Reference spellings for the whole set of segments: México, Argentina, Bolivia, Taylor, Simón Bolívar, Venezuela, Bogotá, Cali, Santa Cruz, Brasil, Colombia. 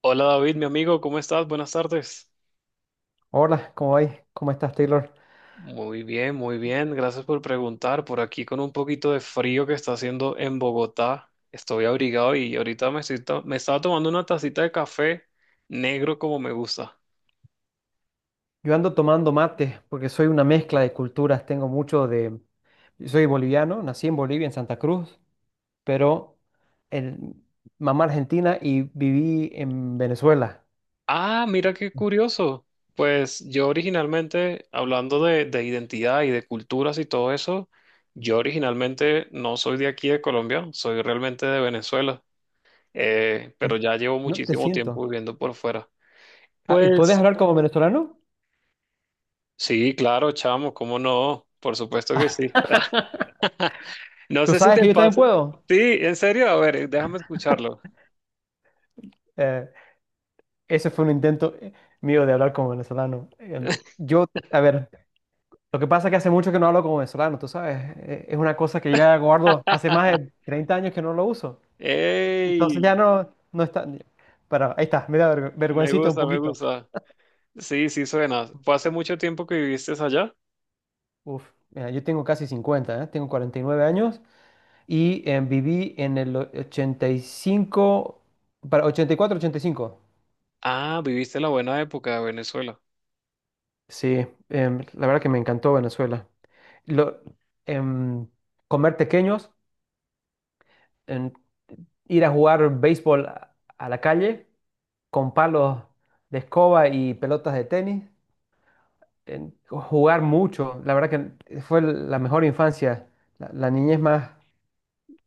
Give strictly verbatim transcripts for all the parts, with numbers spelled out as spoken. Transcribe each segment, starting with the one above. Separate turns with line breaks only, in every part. Hola David, mi amigo, ¿cómo estás? Buenas tardes.
Hola, ¿cómo vais? ¿Cómo estás, Taylor?
Muy bien, muy bien. Gracias por preguntar. Por aquí con un poquito de frío que está haciendo en Bogotá. Estoy abrigado y ahorita me, estoy to- me estaba tomando una tacita de café negro como me gusta.
Yo ando tomando mate porque soy una mezcla de culturas. Tengo mucho de... Soy boliviano, nací en Bolivia, en Santa Cruz, pero el... mamá argentina y viví en Venezuela.
Ah, mira qué curioso. Pues yo originalmente, hablando de, de identidad y de culturas y todo eso, yo originalmente no soy de aquí de Colombia, soy realmente de Venezuela. Eh, pero ya llevo
No te
muchísimo tiempo
siento.
viviendo por fuera.
Ah, ¿y ¿Podés
Pues
hablar como venezolano?
sí, claro, chamo, ¿cómo no? Por supuesto que sí. No
¿Tú
sé si
sabes
te
que yo también
pasa.
puedo?
Sí, en serio, a ver, déjame escucharlo.
Eh, Ese fue un intento eh, mío de hablar como venezolano. Eh, yo, a ver, lo que pasa es que hace mucho que no hablo como venezolano, tú sabes. Eh, es una cosa que ya guardo hace más de treinta años que no lo uso. Entonces ya
¡Ey!
no, no está. Para, ahí está, me da verg-
Me
vergüencita un
gusta, me
poquito.
gusta. Sí, sí suena. ¿Fue hace mucho tiempo que viviste allá?
Uf, mira, yo tengo casi cincuenta, ¿eh? Tengo cuarenta y nueve años y eh, viví en el o- ochenta y cinco, para ochenta ochenta y cuatro, ochenta y cinco.
Ah, viviste la buena época de Venezuela.
Sí, em, la verdad que me encantó Venezuela. Lo, em, Comer pequeños, em, ir a jugar béisbol a a la calle con palos de escoba y pelotas de tenis. En jugar mucho. La verdad que fue la mejor infancia, la, la niñez más,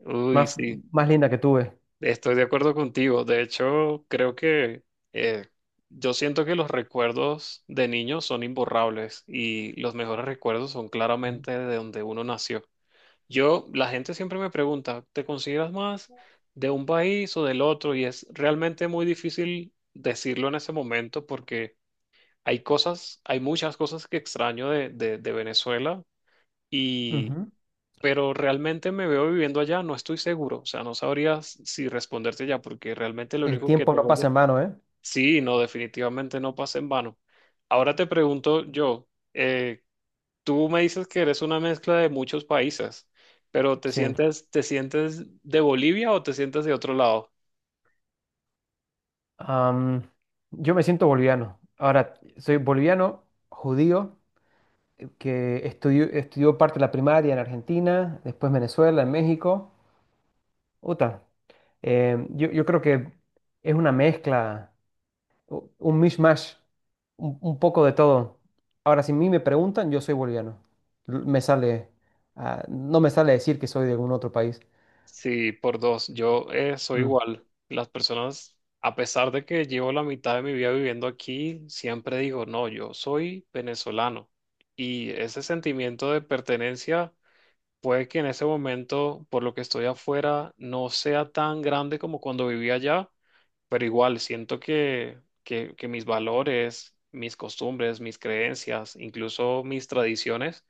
Uy,
más,
sí.
más linda que tuve.
Estoy de acuerdo contigo. De hecho, creo que eh, yo siento que los recuerdos de niños son imborrables y los mejores recuerdos son
Ujú.
claramente de donde uno nació. Yo, la gente siempre me pregunta, ¿te consideras más de un país o del otro? Y es realmente muy difícil decirlo en ese momento porque hay cosas, hay muchas cosas que extraño de, de, de Venezuela y,
Ujú.
pero realmente me veo viviendo allá, no estoy seguro. O sea, no sabría s- si responderte ya porque realmente lo
El
único que
tiempo no
tengo
pasa
allá.
en vano, ¿eh?
Sí, no, definitivamente no pasa en vano. Ahora te pregunto yo, eh, tú me dices que eres una mezcla de muchos países, pero ¿te
Sí.
sientes, te sientes de Bolivia o te sientes de otro lado?
Am, yo me siento boliviano. Ahora, soy boliviano, judío, que estudió, estudió parte de la primaria en Argentina, después Venezuela, en México. Uta, eh, yo, yo creo que es una mezcla u- un mishmash, un, un poco de todo. Ahora, si a mí me preguntan, yo soy boliviano. L- Me sale, ah, no me sale decir que soy de algún otro país.
Sí, por dos. Yo eh, soy
Mm,
igual. Las personas, a pesar de que llevo la mitad de mi vida viviendo aquí, siempre digo, no, yo soy venezolano. Y ese sentimiento de pertenencia puede que en ese momento, por lo que estoy afuera, no sea tan grande como cuando vivía allá, pero igual siento que, que, que mis valores, mis costumbres, mis creencias, incluso mis tradiciones,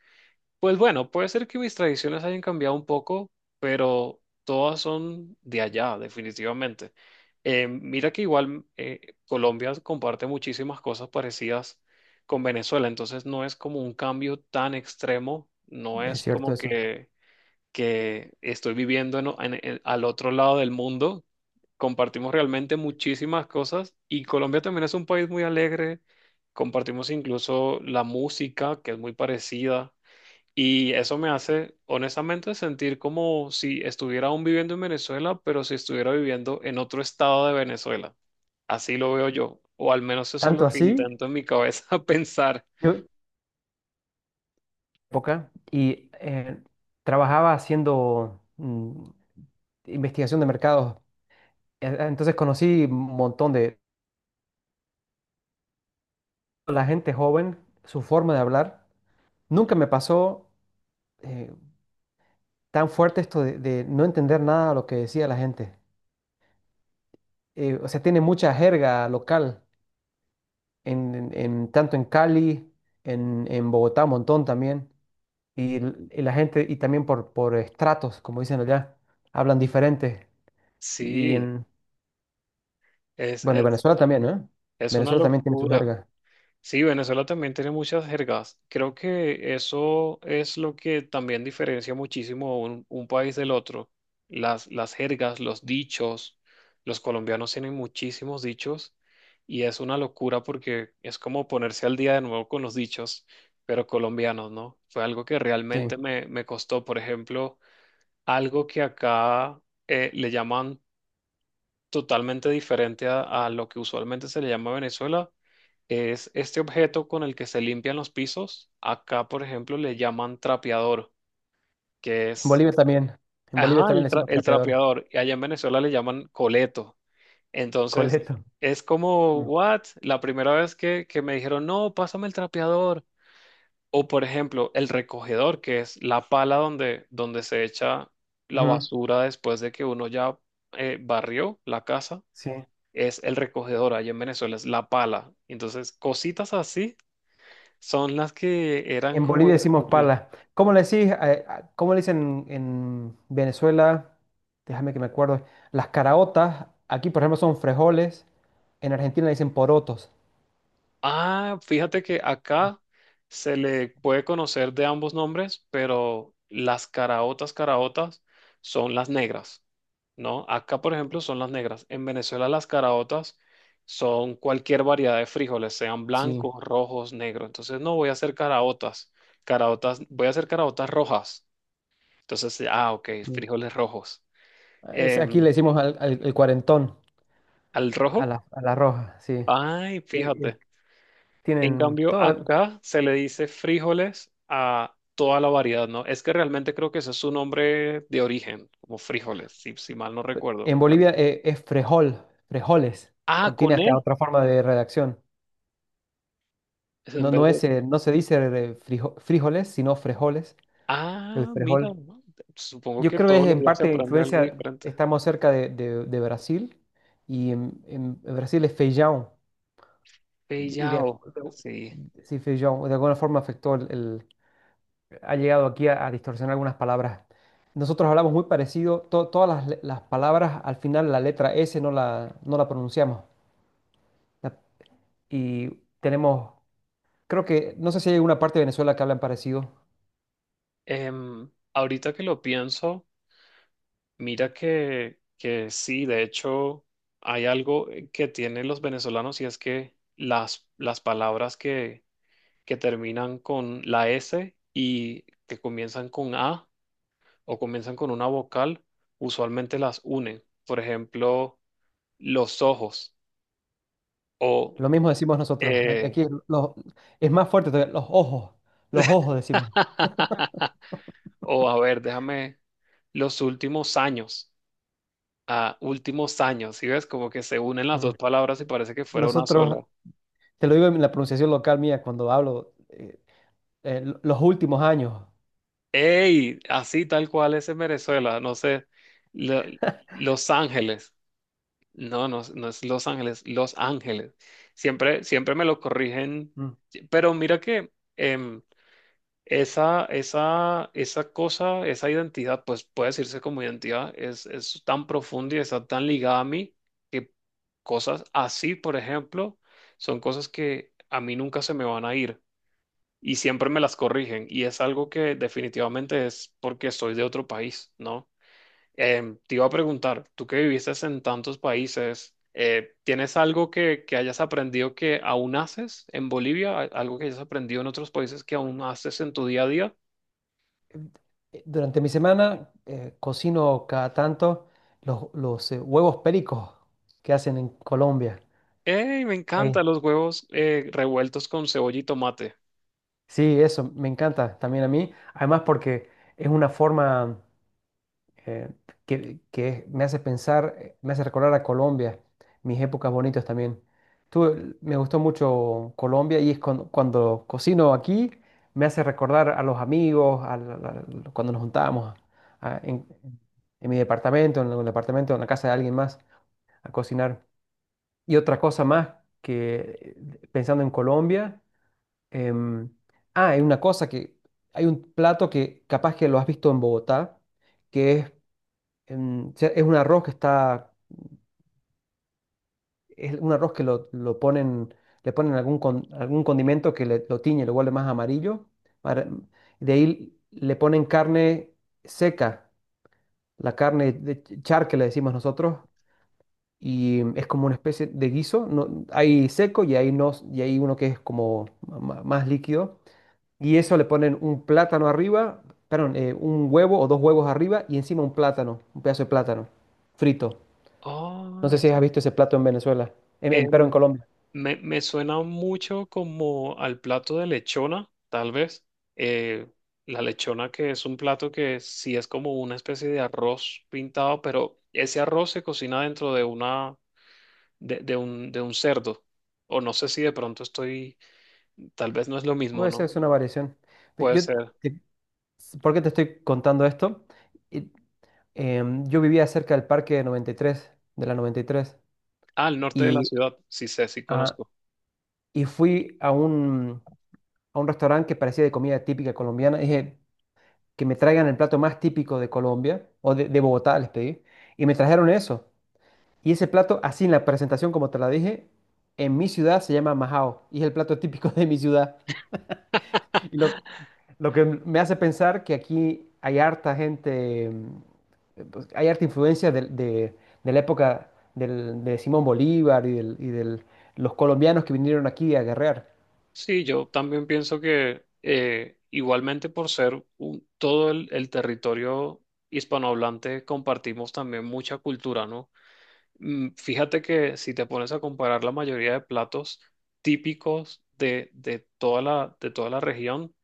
pues bueno, puede ser que mis tradiciones hayan cambiado un poco, pero todas son de allá, definitivamente. Eh, mira que igual eh, Colombia comparte muchísimas cosas parecidas con Venezuela, entonces no es como un cambio tan extremo, no
es
es
cierto
como
eso.
que que estoy viviendo en en- en- al otro lado del mundo. Compartimos realmente muchísimas cosas y Colombia también es un país muy alegre. Compartimos incluso la música, que es muy parecida. Y eso me hace, honestamente, sentir como si estuviera aún viviendo en Venezuela, pero si estuviera viviendo en otro estado de Venezuela. Así lo veo yo, o al menos eso es lo
Tanto
que
así,
intento en mi cabeza pensar.
yo época y eh, trabajaba haciendo mm, investigación de mercados. Eh, Entonces conocí un montón de la gente joven, su forma de hablar. Nunca me pasó eh, tan fuerte esto de, de no entender nada de lo que decía la gente. Eh, o sea, tiene mucha jerga local, en, en- en- tanto en Cali, en, en Bogotá, un montón también, y, l- y la gente, y también por, por estratos, como dicen allá, hablan diferente, y
Sí,
en,
es,
bueno, y
es,
Venezuela también, ¿no?
es una
Venezuela también tiene su
locura.
jerga,
Sí, Venezuela también tiene muchas jergas. Creo que eso es lo que también diferencia muchísimo un, un país del otro. Las, las jergas, los dichos. Los colombianos tienen muchísimos dichos y es una locura porque es como ponerse al día de nuevo con los dichos, pero colombianos, ¿no? Fue algo que
sí,
realmente
en
me, me costó. Por ejemplo, algo que acá eh, le llaman totalmente diferente a, a lo que usualmente se le llama Venezuela. Es este objeto con el que se limpian los pisos. Acá, por ejemplo, le llaman trapeador, que es,
Bolivia también, en
ajá,
Bolivia también le
el, tra-
decimos
el
trapeador,
trapeador. Y allá en Venezuela le llaman coleto. Entonces,
coleto.
es como,
Mm.
what? La primera vez que, que me dijeron, no, pásame el trapeador. O, por ejemplo, el recogedor, que es la pala donde, donde se echa la
Ujú,
basura después de que uno ya eh, barrió la casa
sí,
es el recogedor allá en Venezuela, es la pala. Entonces, cositas así son las que eran
en
como
Bolivia decimos
difícil.
pala, ¿cómo le decís, eh, a- cómo le dicen en Venezuela? Déjame que me acuerdo. Las caraotas, aquí por ejemplo son frijoles, en Argentina le dicen porotos.
Ah, fíjate que acá se le puede conocer de ambos nombres, pero las caraotas, caraotas son las negras, ¿no? Acá, por ejemplo, son las negras. En Venezuela, las caraotas son cualquier variedad de frijoles, sean
Sí.
blancos, rojos, negros. Entonces, no voy a hacer caraotas, caraotas, voy a hacer caraotas rojas. Entonces, ah, ok,
Mm.
frijoles rojos.
Es, aquí le
em,
decimos al, al- el cuarentón,
Al
a
rojo.
la, a la roja, sí. Eh,
Ay,
eh,
fíjate. En
tienen
cambio,
todo.
acá se le dice frijoles a toda la variedad, ¿no? Es que realmente creo que ese es su nombre de origen, como frijoles, si, si mal no recuerdo.
En
Real-
Bolivia eh, es frejol, frejoles.
Ah,
Contiene
con E.
hasta otra forma de redacción.
Es en
No,
vez
no es,
de...
eh, no se dice eh, frijo- frijoles, sino frejoles, el
Ah, mira,
frejol.
¿no? Supongo
Yo
que
creo que es
todos los
en
días se
parte
aprende algo
influencia,
diferente.
estamos cerca de, de- de Brasil y en, en Brasil es feijão. y de,
Pellao, sí.
de- sí, fui yo, de alguna forma afectó el, el- ha llegado aquí a, a distorsionar algunas palabras. Nosotros hablamos muy parecido, to- todas las, le- las palabras, al final la letra S no la, no la pronunciamos. La- y Tenemos, creo que, no sé si hay alguna parte de Venezuela que hablan parecido.
Em, ahorita que lo pienso. Mira que, que sí, de hecho hay algo eh, que tienen los venezolanos y es que las, las palabras que, que terminan con la S y que comienzan con A o comienzan con una vocal, usualmente las unen. Por ejemplo, los ojos o...
Lo mismo decimos nosotros. A-
eh,
Aquí los- es más fuerte todavía, los ojos, los ojos decimos.
o a ver, déjame los últimos años. A últimos años, ¿sí ves? Como que se unen las
Ujú.
dos palabras y parece que fuera una sola.
Nosotros, te lo digo en la pronunciación local mía, cuando hablo, eh, eh, lo- los últimos años.
Ey, así tal cual es en Venezuela, no sé, Lo- Los Ángeles, no, no, no es Los Ángeles, Los Ángeles. Siempre, siempre me lo corrigen, pero mira que em, esa, esa, esa cosa, esa identidad, pues puede decirse como identidad, es, es tan profunda y está tan ligada a mí que cosas así, por ejemplo, son cosas que a mí nunca se me van a ir y siempre me las corrigen y es algo que definitivamente es porque soy de otro país, ¿no? Em, te iba a preguntar, tú que viviste en tantos países, eh, ¿tienes algo que, que hayas aprendido que aún haces en Bolivia? ¿A- Algo que hayas aprendido en otros países que aún haces en tu día a día?
eh, Durante mi semana eh, cocino cada tanto los, los, eh, huevos pericos que hacen en Colombia.
¡Ey! Me
Ey,
encantan los huevos eh, revueltos con cebolla y tomate.
sí, eso me encanta también a mí. Además porque es una forma eh, que, que me hace pensar, eh, me hace recordar a Colombia, mis épocas bonitas también. Tú, el- me gustó mucho Colombia y es cuando, cuando cocino aquí, me hace recordar a los amigos, a la- la- la- cuando nos juntábamos a- en, en mi departamento, en el departamento, en la casa de alguien más, a cocinar. Y otra cosa más que, eh, pensando en Colombia, em, ah, hay una cosa que, hay un plato que capaz que lo has visto en Bogotá, que es em, se- es un arroz que está, es un arroz que lo, lo ponen, le ponen algún, con- algún condimento que le- lo tiñe, lo vuelve más amarillo. para- de ahí le ponen carne seca, la carne de ch- char que le decimos nosotros, y es como una especie de guiso. No, hay seco y hay, no, y hay uno que es como ma- más líquido. Y eso le ponen un plátano arriba, perdón, eh, un huevo o dos huevos arriba y encima un plátano, un pedazo de plátano frito. No
Oh,
sé si has visto ese plato en Venezuela, en- en- pero en
Em,
Colombia.
me, me suena mucho como al plato de lechona, tal vez. Eh, la lechona que es un plato que sí es como una especie de arroz pintado, pero ese arroz se cocina dentro de una, de, de un, de un cerdo. O no sé si de pronto estoy, tal vez no es lo
O
mismo,
esa
¿no?
es una variación. Pe-
Puede
Yo,
ser.
te- ¿por qué te estoy contando esto? Y, em, yo vivía cerca del parque de noventa y tres, de la noventa y tres,
Ah, al norte de la
y, tres, y,
ciudad, sí sé, sí
ah,
conozco.
y fui a un, a un restaurante que parecía de comida típica colombiana. Dije que me traigan el plato más típico de Colombia, o de, de Bogotá, les pedí, y me trajeron eso. Y ese plato, así en la presentación, como te la dije, en mi ciudad se llama majao, y es el plato típico de mi ciudad. Y lo, Lo que me hace pensar que aquí hay harta gente, mm, pues, hay harta influencia de, de- de la época del- de Simón Bolívar y, del, y del- los colombianos que vinieron aquí a guerrear.
Sí, yo también pienso que eh, igualmente por ser un- todo el, el territorio hispanohablante compartimos también mucha cultura, ¿no? Mm, fíjate que si te pones a comparar la mayoría de platos típicos de, de toda la, de toda la región,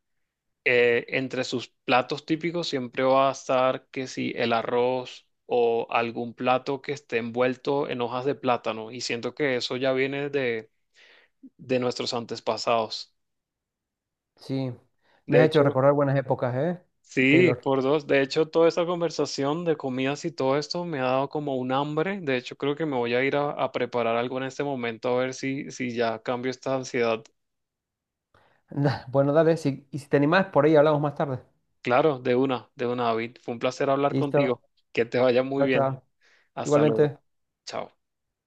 eh, entre sus platos típicos siempre va a estar que si el arroz o algún plato que esté envuelto en hojas de plátano y siento que eso ya viene de, de nuestros antepasados.
Sí, me
De
has hecho
hecho,
recordar buenas épocas, ¿eh?
sí,
Taylor.
por dos. De hecho, toda esta conversación de comidas y todo esto me ha dado como un hambre. De hecho, creo que me voy a ir a, a preparar algo en este momento a ver si, si ya cambio esta ansiedad.
Bueno, dale, si- y si te animás, por ahí hablamos más tarde.
Claro, de una, de una, David. Fue un placer hablar
Listo,
contigo. Que te vaya muy
chao,
bien.
chao.
Hasta luego.
Igualmente.
Chao.